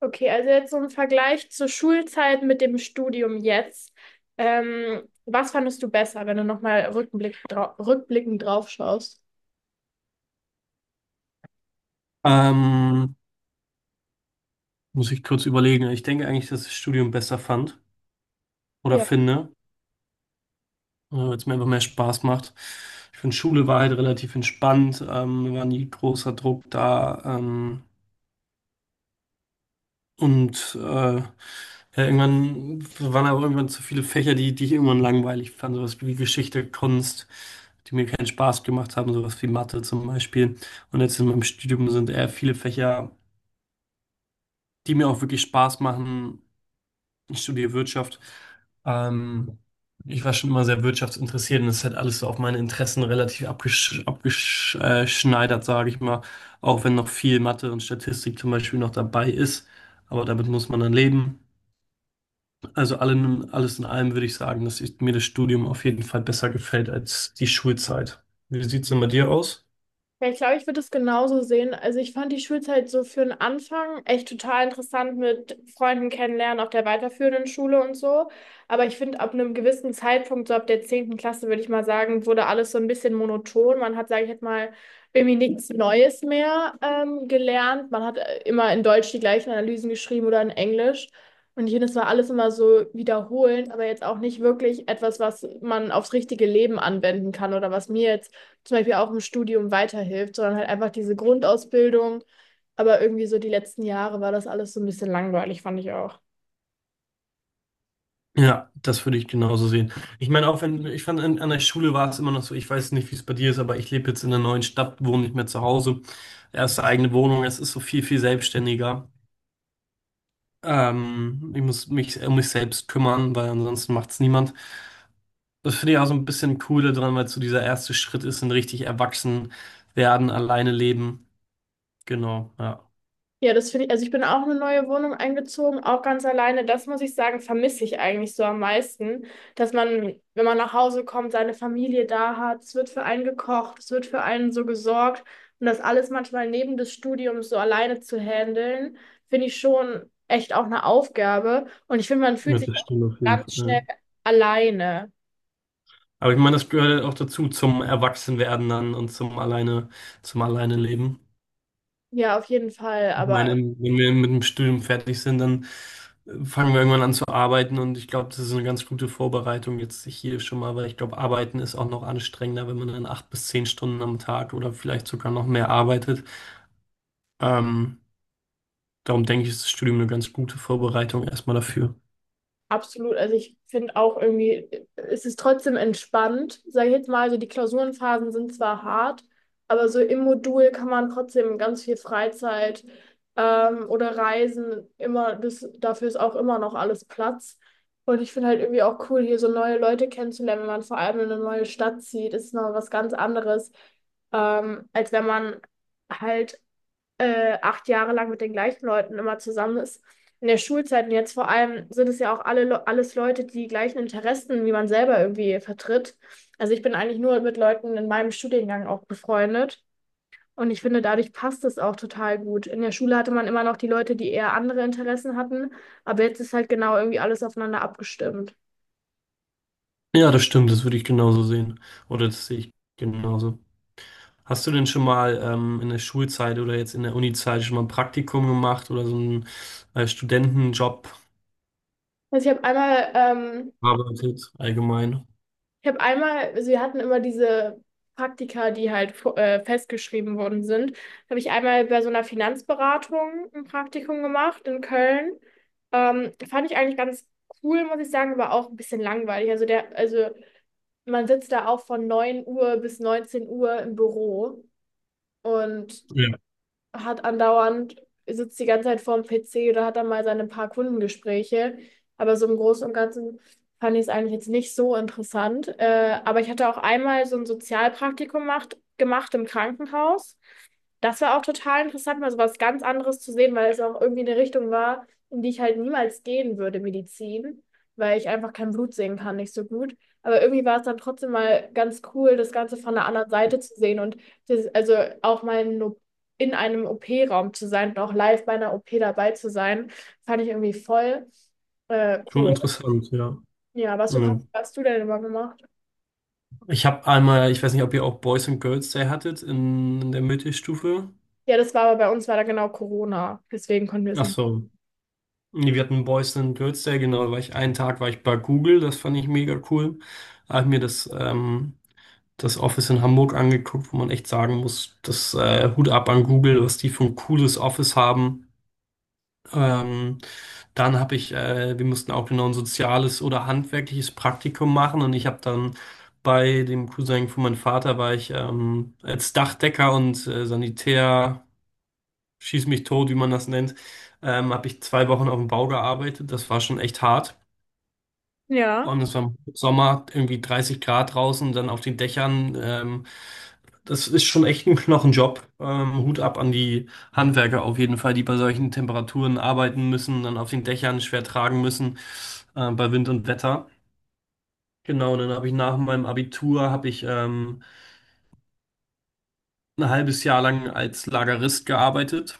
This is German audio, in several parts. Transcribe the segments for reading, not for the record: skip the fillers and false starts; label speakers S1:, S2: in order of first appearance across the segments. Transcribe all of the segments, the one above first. S1: Okay, also jetzt so im Vergleich zur Schulzeit mit dem Studium jetzt. Was fandest du besser, wenn du nochmal rückblickend drauf schaust?
S2: Ähm, muss ich kurz überlegen. Ich denke eigentlich, dass ich das Studium besser fand oder
S1: Ja.
S2: finde, weil es mir einfach mehr Spaß macht. Ich finde, Schule war halt relativ entspannt, mir war nie großer Druck da. Ja, irgendwann waren aber irgendwann zu viele Fächer, die ich irgendwann langweilig fand. Sowas wie Geschichte, Kunst, die mir keinen Spaß gemacht haben, sowas wie Mathe zum Beispiel. Und jetzt in meinem Studium sind eher viele Fächer, die mir auch wirklich Spaß machen. Ich studiere Wirtschaft. Ähm, ich war schon immer sehr wirtschaftsinteressiert, und das ist halt alles so auf meine Interessen relativ abgeschneidert, sage ich mal. Auch wenn noch viel Mathe und Statistik zum Beispiel noch dabei ist. Aber damit muss man dann leben. Alles in allem würde ich sagen, dass mir das Studium auf jeden Fall besser gefällt als die Schulzeit. Wie sieht es denn bei dir aus?
S1: Ja, ich glaube, ich würde es genauso sehen. Also ich fand die Schulzeit so für den Anfang echt total interessant mit Freunden kennenlernen auf der weiterführenden Schule und so. Aber ich finde, ab einem gewissen Zeitpunkt, so ab der 10. Klasse, würde ich mal sagen, wurde alles so ein bisschen monoton. Man hat, sage ich jetzt mal, irgendwie nichts Neues mehr gelernt. Man hat immer in Deutsch die gleichen Analysen geschrieben oder in Englisch. Und ich finde, es war alles immer so wiederholend, aber jetzt auch nicht wirklich etwas, was man aufs richtige Leben anwenden kann oder was mir jetzt zum Beispiel auch im Studium weiterhilft, sondern halt einfach diese Grundausbildung. Aber irgendwie so die letzten Jahre war das alles so ein bisschen langweilig, fand ich auch.
S2: Ja, das würde ich genauso sehen. Ich meine, auch wenn, ich fand, an der Schule war es immer noch so, ich weiß nicht, wie es bei dir ist, aber ich lebe jetzt in einer neuen Stadt, wohne nicht mehr zu Hause. Erste eigene Wohnung, es ist so viel selbstständiger. Ich muss mich um mich selbst kümmern, weil ansonsten macht es niemand. Das finde ich auch so ein bisschen cool daran, weil so dieser erste Schritt ist, ein richtig erwachsen werden, alleine leben. Genau, ja.
S1: Ja, das finde ich, also ich bin auch in eine neue Wohnung eingezogen, auch ganz alleine. Das muss ich sagen, vermisse ich eigentlich so am meisten, dass man, wenn man nach Hause kommt, seine Familie da hat, es wird für einen gekocht, es wird für einen so gesorgt und das alles manchmal neben des Studiums so alleine zu handeln, finde ich schon echt auch eine Aufgabe und ich finde, man fühlt
S2: Ja,
S1: sich
S2: das
S1: auch
S2: stimmt auf jeden
S1: ganz schnell
S2: Fall.
S1: alleine.
S2: Aber ich meine, das gehört halt auch dazu, zum Erwachsenwerden dann und zum alleine leben.
S1: Ja, auf jeden Fall,
S2: Ich meine,
S1: aber
S2: wenn wir mit dem Studium fertig sind, dann fangen wir irgendwann an zu arbeiten, und ich glaube, das ist eine ganz gute Vorbereitung jetzt hier schon mal, weil ich glaube, arbeiten ist auch noch anstrengender, wenn man dann acht bis zehn Stunden am Tag oder vielleicht sogar noch mehr arbeitet. Ähm, darum denke ich, ist das Studium eine ganz gute Vorbereitung erstmal dafür.
S1: absolut. Also ich finde auch irgendwie, es ist trotzdem entspannt, sage ich jetzt mal. Also die Klausurenphasen sind zwar hart, aber so im Modul kann man trotzdem ganz viel Freizeit oder Reisen immer, das, dafür ist auch immer noch alles Platz. Und ich finde halt irgendwie auch cool, hier so neue Leute kennenzulernen, wenn man vor allem in eine neue Stadt zieht, ist noch was ganz anderes, als wenn man halt acht Jahre lang mit den gleichen Leuten immer zusammen ist. In der Schulzeit und jetzt vor allem sind es ja auch alles Leute, die die gleichen Interessen wie man selber irgendwie vertritt. Also ich bin eigentlich nur mit Leuten in meinem Studiengang auch befreundet. Und ich finde, dadurch passt es auch total gut. In der Schule hatte man immer noch die Leute, die eher andere Interessen hatten, aber jetzt ist halt genau irgendwie alles aufeinander abgestimmt.
S2: Ja, das stimmt, das würde ich genauso sehen. Oder das sehe ich genauso. Hast du denn schon mal in der Schulzeit oder jetzt in der Unizeit schon mal ein Praktikum gemacht oder so einen Studentenjob
S1: Also ich habe einmal ähm,
S2: gearbeitet allgemein?
S1: Ich habe einmal, also wir hatten immer diese Praktika, die halt festgeschrieben worden sind. Habe ich einmal bei so einer Finanzberatung ein Praktikum gemacht in Köln. Fand ich eigentlich ganz cool, muss ich sagen, aber auch ein bisschen langweilig. Also man sitzt da auch von 9 Uhr bis 19 Uhr im Büro und hat andauernd, sitzt die ganze Zeit vorm PC oder hat dann mal seine paar Kundengespräche. Aber so im Großen und Ganzen fand ich es eigentlich jetzt nicht so interessant. Aber ich hatte auch einmal so ein Sozialpraktikum gemacht im Krankenhaus. Das war auch total interessant, mal so was ganz anderes zu sehen, weil es auch irgendwie eine Richtung war, in die ich halt niemals gehen würde, Medizin, weil ich einfach kein Blut sehen kann, nicht so gut. Aber irgendwie war es dann trotzdem mal ganz cool, das Ganze von der anderen Seite zu sehen und also auch mal in einem OP-Raum zu sein und auch live bei einer OP dabei zu sein, fand ich irgendwie voll
S2: Schon
S1: cool.
S2: interessant, ja.
S1: Ja, was für
S2: Ja.
S1: Praktika hast du denn immer gemacht?
S2: Ich habe einmal, ich weiß nicht, ob ihr auch Boys and Girls Day hattet in der Mittelstufe.
S1: Ja, das war aber bei uns war da genau Corona, deswegen konnten wir es
S2: Ach
S1: nicht.
S2: so. Nee, wir hatten Boys and Girls Day, genau, da war ich einen Tag war ich bei Google, das fand ich mega cool. Da habe ich mir das Office in Hamburg angeguckt, wo man echt sagen muss, das Hut ab an Google, was die für ein cooles Office haben. Ähm, wir mussten auch genau ein soziales oder handwerkliches Praktikum machen, und ich habe dann bei dem Cousin von meinem Vater war ich als Dachdecker und Sanitär, schieß mich tot, wie man das nennt, habe ich zwei Wochen auf dem Bau gearbeitet. Das war schon echt hart, vor
S1: Ja,
S2: allem es war im Sommer irgendwie 30 Grad draußen, dann auf den Dächern. Das ist schon echt ein Knochenjob. Hut ab an die Handwerker auf jeden Fall, die bei solchen Temperaturen arbeiten müssen, dann auf den Dächern schwer tragen müssen, bei Wind und Wetter. Genau, dann habe ich nach meinem Abitur habe ich ein halbes Jahr lang als Lagerist gearbeitet,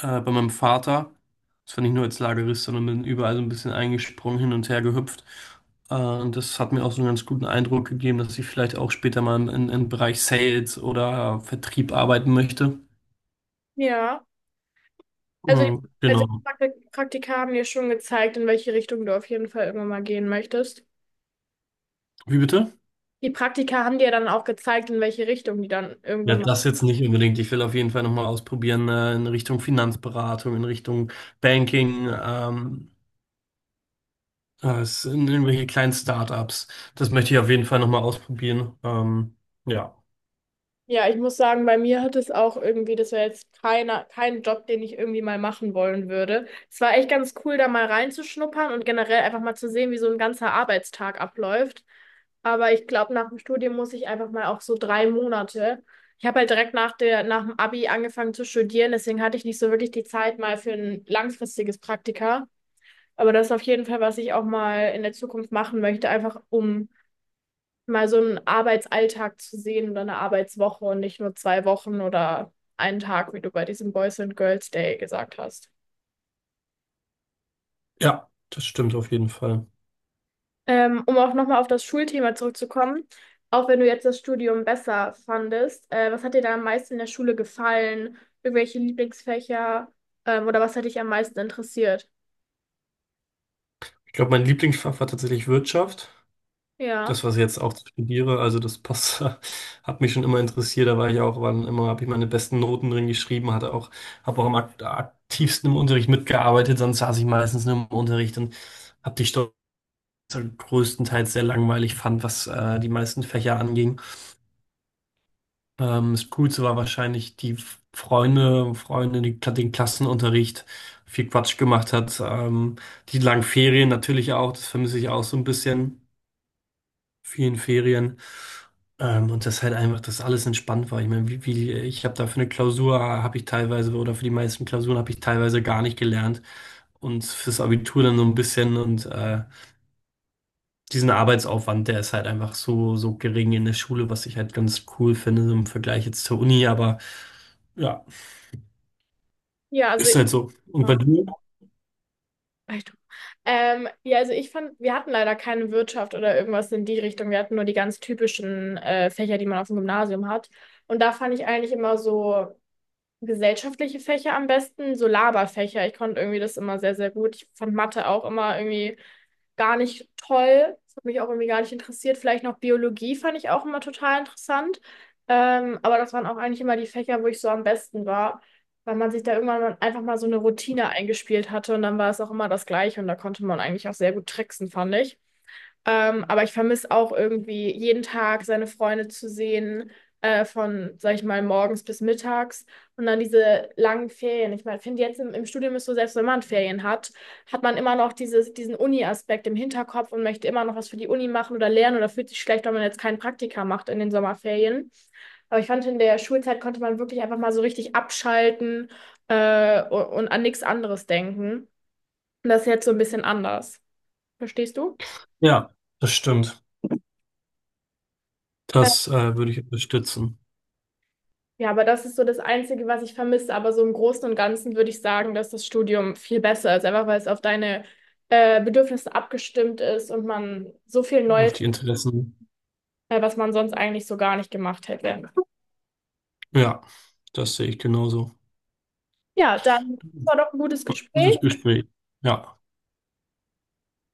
S2: bei meinem Vater. Das war nicht nur als Lagerist, sondern bin überall so ein bisschen eingesprungen, hin und her gehüpft. Und das hat mir auch so einen ganz guten Eindruck gegeben, dass ich vielleicht auch später mal im Bereich Sales oder Vertrieb arbeiten möchte.
S1: ja. Also,
S2: Mhm,
S1: also
S2: genau.
S1: die Praktika haben dir schon gezeigt, in welche Richtung du auf jeden Fall immer mal gehen möchtest.
S2: Wie bitte?
S1: Die Praktika haben dir dann auch gezeigt, in welche Richtung die dann
S2: Ja,
S1: irgendwann mal
S2: das jetzt nicht unbedingt. Ich will auf jeden Fall nochmal ausprobieren, in Richtung Finanzberatung, in Richtung Banking, in irgendwelche kleinen Startups. Das möchte ich auf jeden Fall nochmal ausprobieren. Ja,
S1: Ja, ich muss sagen, bei mir hat es auch irgendwie, das war jetzt kein Job, den ich irgendwie mal machen wollen würde. Es war echt ganz cool, da mal reinzuschnuppern und generell einfach mal zu sehen, wie so ein ganzer Arbeitstag abläuft. Aber ich glaube, nach dem Studium muss ich einfach mal auch so 3 Monate. Ich habe halt direkt nach dem Abi angefangen zu studieren, deswegen hatte ich nicht so wirklich die Zeit mal für ein langfristiges Praktika. Aber das ist auf jeden Fall, was ich auch mal in der Zukunft machen möchte, einfach um mal so einen Arbeitsalltag zu sehen oder eine Arbeitswoche und nicht nur 2 Wochen oder einen Tag, wie du bei diesem Boys and Girls Day gesagt hast.
S2: ja, das stimmt auf jeden Fall.
S1: Um auch nochmal auf das Schulthema zurückzukommen, auch wenn du jetzt das Studium besser fandest, was hat dir da am meisten in der Schule gefallen? Irgendwelche Lieblingsfächer, oder was hat dich am meisten interessiert?
S2: Ich glaube, mein Lieblingsfach war tatsächlich Wirtschaft.
S1: Ja,
S2: Das, was ich jetzt auch studiere, also das passt, hat mich schon immer interessiert. Da war ich auch, wann immer habe ich meine besten Noten drin geschrieben, habe auch am aktivsten im Unterricht mitgearbeitet. Sonst saß ich meistens nur im Unterricht und habe die Stoff größtenteils sehr langweilig fand, was die meisten Fächer anging. Das Coolste war wahrscheinlich die Freunde, die den Klassenunterricht viel Quatsch gemacht hat. Die langen Ferien natürlich auch, das vermisse ich auch so ein bisschen. Vielen Ferien. Und dass halt einfach das alles entspannt war. Ich meine, ich habe da für eine Klausur habe ich teilweise oder für die meisten Klausuren habe ich teilweise gar nicht gelernt, und fürs Abitur dann so ein bisschen, und diesen Arbeitsaufwand, der ist halt einfach so gering in der Schule, was ich halt ganz cool finde im Vergleich jetzt zur Uni, aber ja,
S1: ja, also.
S2: ist halt so. Und bei
S1: Ja.
S2: dir?
S1: Echt? Ja, also ich fand, wir hatten leider keine Wirtschaft oder irgendwas in die Richtung. Wir hatten nur die ganz typischen Fächer, die man auf dem Gymnasium hat. Und da fand ich eigentlich immer so gesellschaftliche Fächer am besten, so Laberfächer. Ich konnte irgendwie das immer sehr, sehr gut. Ich fand Mathe auch immer irgendwie gar nicht toll. Das hat mich auch irgendwie gar nicht interessiert. Vielleicht noch Biologie fand ich auch immer total interessant. Aber das waren auch eigentlich immer die Fächer, wo ich so am besten war, weil man sich da irgendwann einfach mal so eine Routine eingespielt hatte und dann war es auch immer das Gleiche und da konnte man eigentlich auch sehr gut tricksen, fand ich. Aber ich vermisse auch irgendwie jeden Tag seine Freunde zu sehen, von, sag ich mal, morgens bis mittags und dann diese langen Ferien. Ich meine, finde jetzt im Studium ist so, selbst wenn man Ferien hat, hat man immer noch diesen Uni-Aspekt im Hinterkopf und möchte immer noch was für die Uni machen oder lernen oder fühlt sich schlecht, wenn man jetzt keinen Praktika macht in den Sommerferien. Aber ich fand, in der Schulzeit konnte man wirklich einfach mal so richtig abschalten, und an nichts anderes denken. Und das ist jetzt so ein bisschen anders. Verstehst du?
S2: Ja, das stimmt. Das würde ich unterstützen.
S1: Ja, aber das ist so das Einzige, was ich vermisse. Aber so im Großen und Ganzen würde ich sagen, dass das Studium viel besser ist, einfach weil es auf deine Bedürfnisse abgestimmt ist und man so viel
S2: Auf
S1: Neues,
S2: die Interessen.
S1: was man sonst eigentlich so gar nicht gemacht hätte.
S2: Ja, das sehe ich genauso.
S1: Ja, dann war doch ein gutes Gespräch.
S2: Gutes Gespräch. Ja.